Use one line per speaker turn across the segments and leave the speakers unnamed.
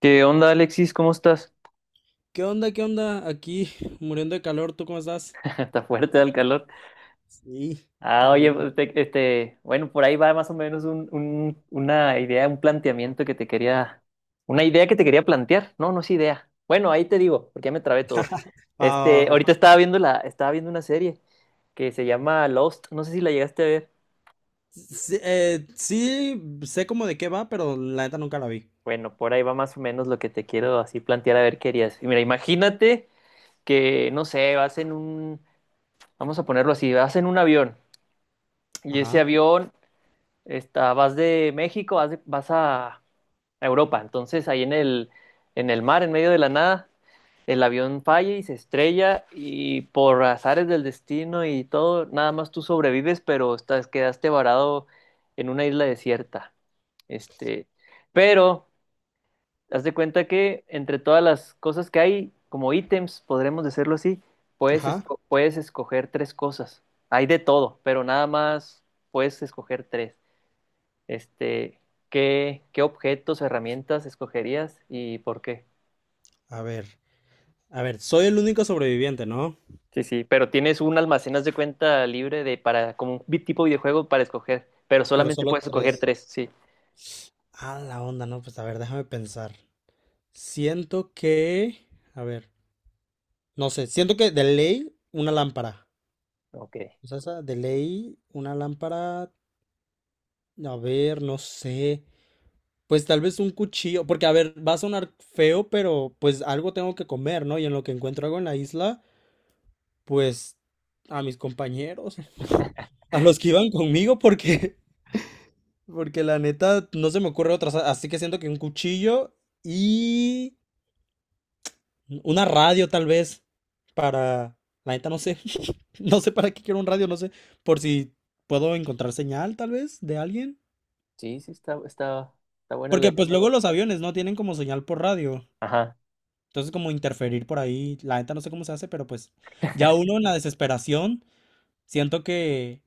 ¿Qué onda, Alexis? ¿Cómo estás?
¿Qué onda? ¿Qué onda? Aquí muriendo de calor, ¿tú cómo estás?
Está fuerte el calor.
Sí,
Ah, oye,
terrible.
pues, bueno, por ahí va más o menos una idea, un planteamiento una idea que te quería plantear. No, no es idea. Bueno, ahí te digo, porque ya me trabé todo.
Ah,
Ahorita estaba viendo estaba viendo una serie que se llama Lost. No sé si la llegaste a ver.
sí, sí, sé como de qué va, pero la neta nunca la vi.
Bueno, por ahí va más o menos lo que te quiero así plantear a ver qué harías. Y mira, imagínate que, no sé, vamos a ponerlo así, vas en un avión y ese
Ajá,
avión vas de México, vas a Europa. Entonces, ahí en el mar, en medio de la nada, el avión falla y se estrella y por azares del destino y todo, nada más tú sobrevives, pero quedaste varado en una isla desierta. Este, pero haz de cuenta que entre todas las cosas que hay, como ítems, podremos decirlo así,
ajá.
puedes escoger tres cosas. Hay de todo, pero nada más puedes escoger tres. Este, qué objetos o herramientas escogerías y por qué?
A ver, a ver, soy el único sobreviviente, ¿no?
Sí, sí, pero tienes un almacén, haz de cuenta, libre de para, como un tipo videojuego para escoger, pero
Pero
solamente
solo
puedes escoger
tres.
tres, sí.
Ah, la onda, no, pues a ver, déjame pensar. Siento que, a ver, no sé, siento que de ley una lámpara.
Ok.
O sea, esa de ley una lámpara, a ver, no sé. Pues tal vez un cuchillo, porque a ver, va a sonar feo, pero pues algo tengo que comer, ¿no? Y en lo que encuentro algo en la isla, pues a mis compañeros, a los que iban conmigo, porque, porque la neta no se me ocurre otra, así que siento que un cuchillo y una radio tal vez para, la neta no sé, no sé para qué quiero un radio, no sé, por si puedo encontrar señal tal vez de alguien,
Sí, sí, está buena la
porque pues
idea.
luego los aviones no tienen como señal por radio.
Ajá.
Entonces, como interferir por ahí, la neta no sé cómo se hace, pero pues ya uno en la desesperación, siento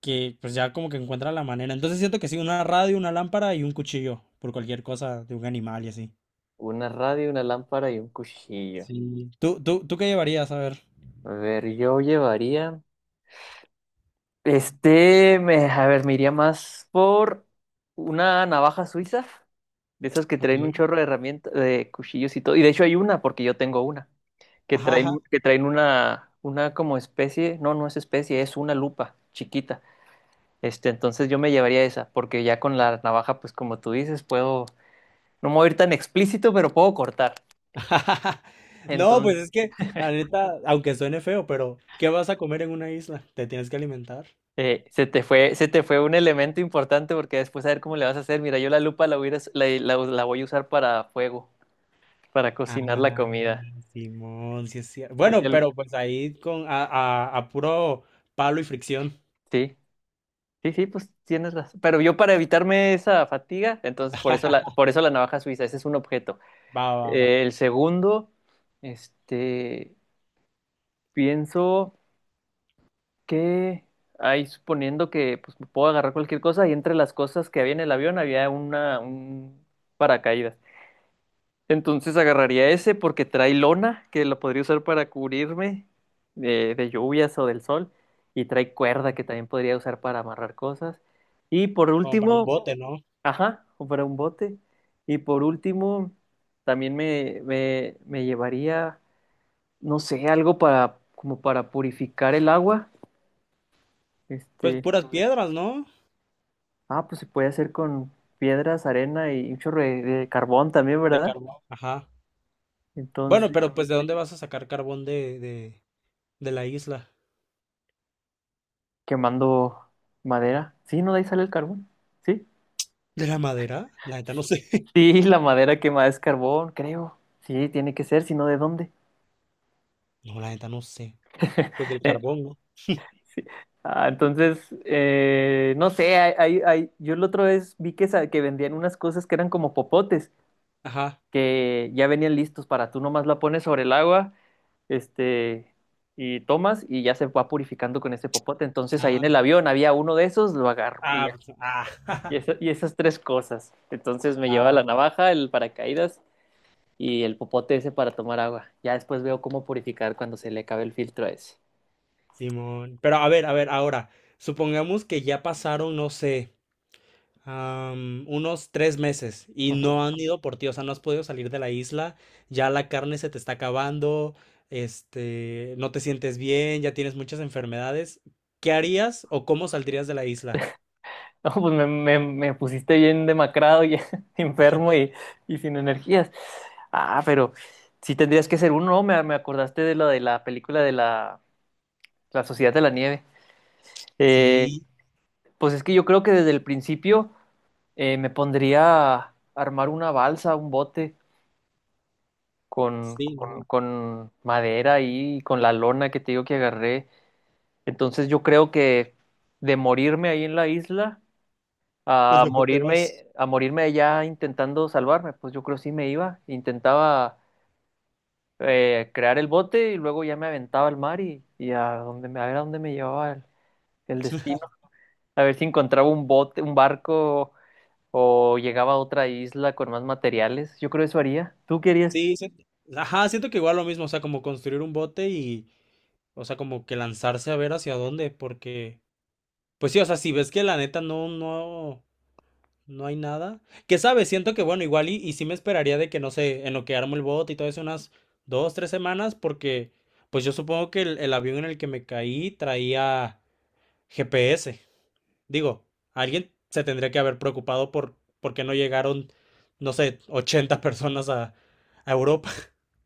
que pues ya como que encuentra la manera. Entonces siento que sí, una radio, una lámpara y un cuchillo, por cualquier cosa de un animal y así.
Una radio, una lámpara y un cuchillo.
Sí. ¿¿Tú qué llevarías? A ver.
A ver, yo llevaría. A ver, me iría más por una navaja suiza. De esas que
Ok.
traen un chorro de herramientas, de cuchillos y todo. Y de hecho hay una, porque yo tengo una, que
Ajá,
traen,
ajá.
que traen una como especie, no, no es especie, es una lupa chiquita. Entonces yo me llevaría esa, porque ya con la navaja, pues como tú dices, puedo, no me voy a ir tan explícito, pero puedo cortar.
No, pues
Entonces,
es que la neta, aunque suene feo, pero ¿qué vas a comer en una isla? Te tienes que alimentar.
se te fue un elemento importante porque después a ver cómo le vas a hacer. Mira, yo la lupa la voy a usar para fuego, para cocinar la
Ah,
comida.
Simón, sí es cierto.
Se te
Bueno,
ol-
pero pues ahí con a puro palo y fricción.
Sí. Sí, sí, pues tienes razón. Pero yo para evitarme esa fatiga, entonces por eso la navaja suiza, ese es un objeto.
Va, va, va.
El segundo, este, pienso que ahí suponiendo que pues, me puedo agarrar cualquier cosa y entre las cosas que había en el avión había un paracaídas. Entonces agarraría ese porque trae lona que lo podría usar para cubrirme de lluvias o del sol y trae cuerda que también podría usar para amarrar cosas. Y por
¿Como para un
último...
bote, no?
Ajá, o para un bote. Y por último, también me llevaría, no sé, algo para, como para purificar el agua.
Pues
Este,
puras piedras, ¿no?
ah, pues se puede hacer con piedras, arena y un chorro de carbón también,
De
¿verdad?
carbón. Ajá. Bueno,
Entonces,
pero pues ¿de dónde vas a sacar carbón de la isla?
quemando madera. Sí, ¿no? De ahí sale el carbón. Sí.
¿De la madera? La neta no sé.
Sí, la madera quemada es carbón, creo. Sí, tiene que ser, si no, ¿de dónde?
No, la neta no sé. Pues del carbón, ¿no?
Sí. Ah, entonces, no sé, yo la otra vez vi que vendían unas cosas que eran como popotes,
Ajá.
que ya venían listos para tú nomás la pones sobre el agua, este, y tomas y ya se va purificando con ese popote. Entonces ahí en
Ah,
el avión había uno de esos, lo agarro y
ah,
ya.
pues, ah,
Y, esa- y esas tres cosas. Entonces me lleva la
ah,
navaja, el paracaídas y el popote ese para tomar agua. Ya después veo cómo purificar cuando se le acabe el filtro a ese.
Simón. Pero a ver, ahora, supongamos que ya pasaron, no sé. Unos 3 meses y no han ido por ti, o sea, no has podido salir de la isla, ya la carne se te está acabando, no te sientes bien, ya tienes muchas enfermedades. ¿Qué harías o cómo saldrías de la isla?
No, pues me pusiste bien demacrado y enfermo y sin energías. Ah, pero sí tendrías que ser uno, ¿no? Me acordaste de lo de la película de la Sociedad de la Nieve. Eh,
Sí,
pues es que yo creo que desde el principio me pondría a armar una balsa, un bote
sí, no,
con madera ahí y con la lona que te digo que agarré. Entonces yo creo que de morirme ahí en la isla
pues
a
mejor te vas.
morirme, a morirme ya intentando salvarme, pues yo creo que sí me iba, intentaba crear el bote y luego ya me aventaba al mar y a ver a dónde me llevaba el destino, a ver si encontraba un bote, un barco o llegaba a otra isla con más materiales, yo creo eso haría. ¿Tú querías?
Sí, sí, ajá, siento que igual lo mismo, o sea, como construir un bote y, o sea, como que lanzarse a ver hacia dónde, porque, pues sí, o sea, si ves que la neta no, no. No hay nada. ¿Qué sabes? Siento que, bueno, igual y sí me esperaría de que, no sé, en lo que armo el bot y todo eso, unas 2, 3 semanas, porque, pues yo supongo que el avión en el que me caí traía GPS. Digo, alguien se tendría que haber preocupado por qué no llegaron, no sé, 80 personas a Europa.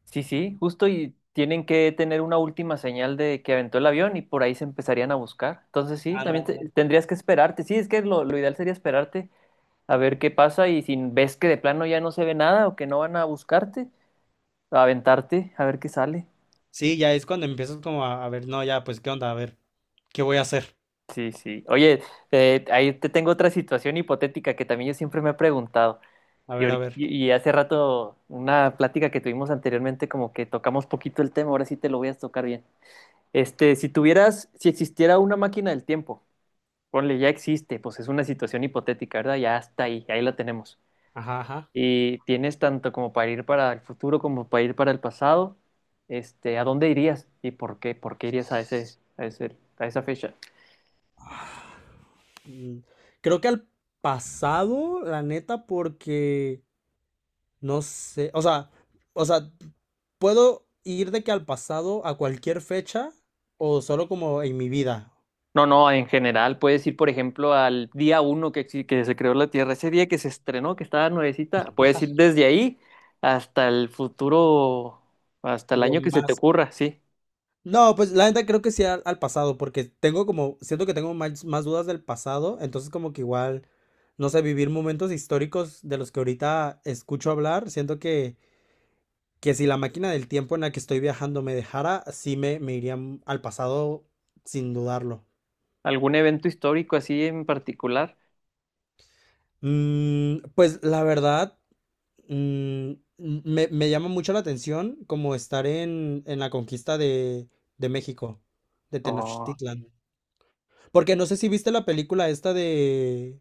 Sí, sí, justo y tienen que tener una última señal de que aventó el avión y por ahí se empezarían a buscar. Entonces sí,
Anda,
también
anda.
tendrías que esperarte, sí, es que lo ideal sería esperarte a ver qué pasa y si ves que de plano ya no se ve nada o que no van a buscarte, a aventarte, a ver qué sale.
Sí, ya es cuando empiezas como a ver, no, ya, pues, ¿qué onda? A ver, ¿qué voy a hacer?
Sí, sí. Oye, ahí te tengo otra situación hipotética que también yo siempre me he preguntado.
A
Y,
ver, a
ahorita-
ver.
y y hace rato, una plática que tuvimos anteriormente, como que tocamos poquito el tema, ahora sí te lo voy a tocar bien. Si tuvieras, si existiera una máquina del tiempo, ponle, ya existe, pues es una situación hipotética, ¿verdad? Ya está ahí la tenemos.
Ajá, ajá.
Y tienes tanto como para ir para el futuro como para ir para el pasado. ¿A dónde irías y por qué? ¿Por qué irías a esa fecha?
Mm, creo que al pasado, la neta, porque... No sé, o sea, ¿puedo ir de que al pasado a cualquier fecha o solo como en mi vida?
No, no, en general puedes ir, por ejemplo, al día uno que, que se creó la Tierra, ese día que se estrenó, que estaba nuevecita, puedes ir desde ahí hasta el futuro, hasta el
Lo
año que se te
más...
ocurra, sí.
No, pues la neta creo que sí al, al pasado, porque tengo como, siento que tengo más, más dudas del pasado, entonces como que igual, no sé, vivir momentos históricos de los que ahorita escucho hablar, siento que si la máquina del tiempo en la que estoy viajando me dejara, sí me iría al pasado sin dudarlo.
¿Algún evento histórico así en particular?
Mm, pues la verdad... Mm, me llama mucho la atención como estar en la conquista de México, de
O
Tenochtitlan. Porque no sé si viste la película esta de...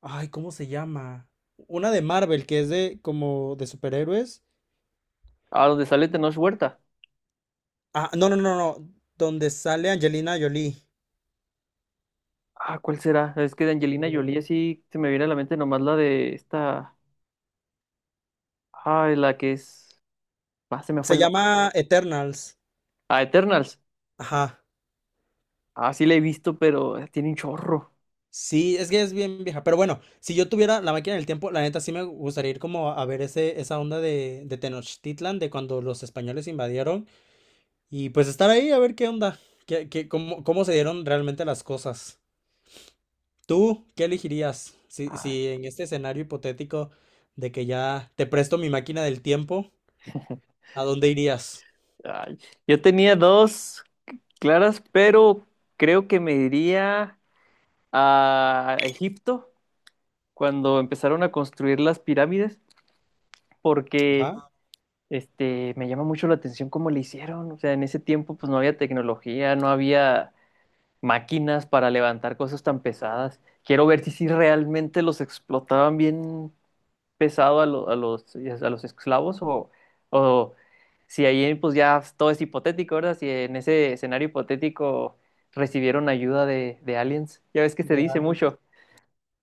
Ay, ¿cómo se llama? Una de Marvel, que es de como de superhéroes.
a donde sale Tenoch Huerta.
Ah, no, no, no, no. Donde sale Angelina Jolie.
Ah, ¿cuál será? Es que de Angelina Jolie sí se me viene a la mente nomás la de esta. Ah, la que es. Ah, se me fue
Se
el nombre.
llama Eternals.
Ah, Eternals.
Ajá.
Ah, sí la he visto, pero tiene un chorro.
Sí, es que es bien vieja. Pero bueno, si yo tuviera la máquina del tiempo, la neta sí me gustaría ir como a ver ese, esa onda de Tenochtitlan, de cuando los españoles invadieron. Y pues estar ahí a ver qué onda, qué, cómo, cómo se dieron realmente las cosas. ¿Tú qué elegirías si,
Ah,
si en este escenario hipotético de que ya te presto mi máquina del tiempo, a dónde irías?
ay. Yo tenía dos claras, pero creo que me iría a Egipto cuando empezaron a construir las pirámides, porque
Ajá.
me llama mucho la atención cómo le hicieron. O sea, en ese tiempo pues no había tecnología, no había máquinas para levantar cosas tan pesadas. Quiero ver si realmente los explotaban bien pesado a los esclavos o si ahí pues ya todo es hipotético, ¿verdad? Si en ese escenario hipotético recibieron ayuda de aliens. Ya ves que se dice mucho.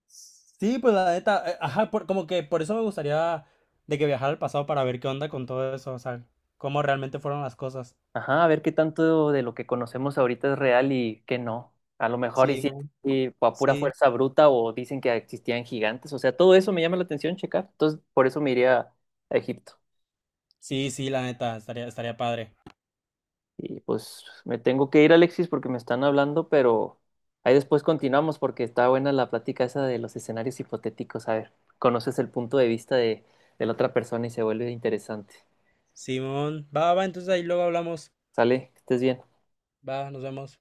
Sí, pues la neta, ajá, como que por eso me gustaría de que viajara al pasado para ver qué onda con todo eso, o sea, cómo realmente fueron las cosas.
Ajá, a ver qué tanto de lo que conocemos ahorita es real y qué no. A lo mejor y sí,
Simón,
y a pura
sí.
fuerza bruta o dicen que existían gigantes. O sea, todo eso me llama la atención checar. Entonces, por eso me iría a Egipto.
Sí, sí, la neta, estaría, estaría padre.
Y pues me tengo que ir, Alexis, porque me están hablando, pero ahí después continuamos porque está buena la plática esa de los escenarios hipotéticos. A ver, conoces el punto de vista de la otra persona y se vuelve interesante.
Simón, va, va, entonces ahí luego hablamos.
¿Sale? Que estés bien.
Va, nos vemos.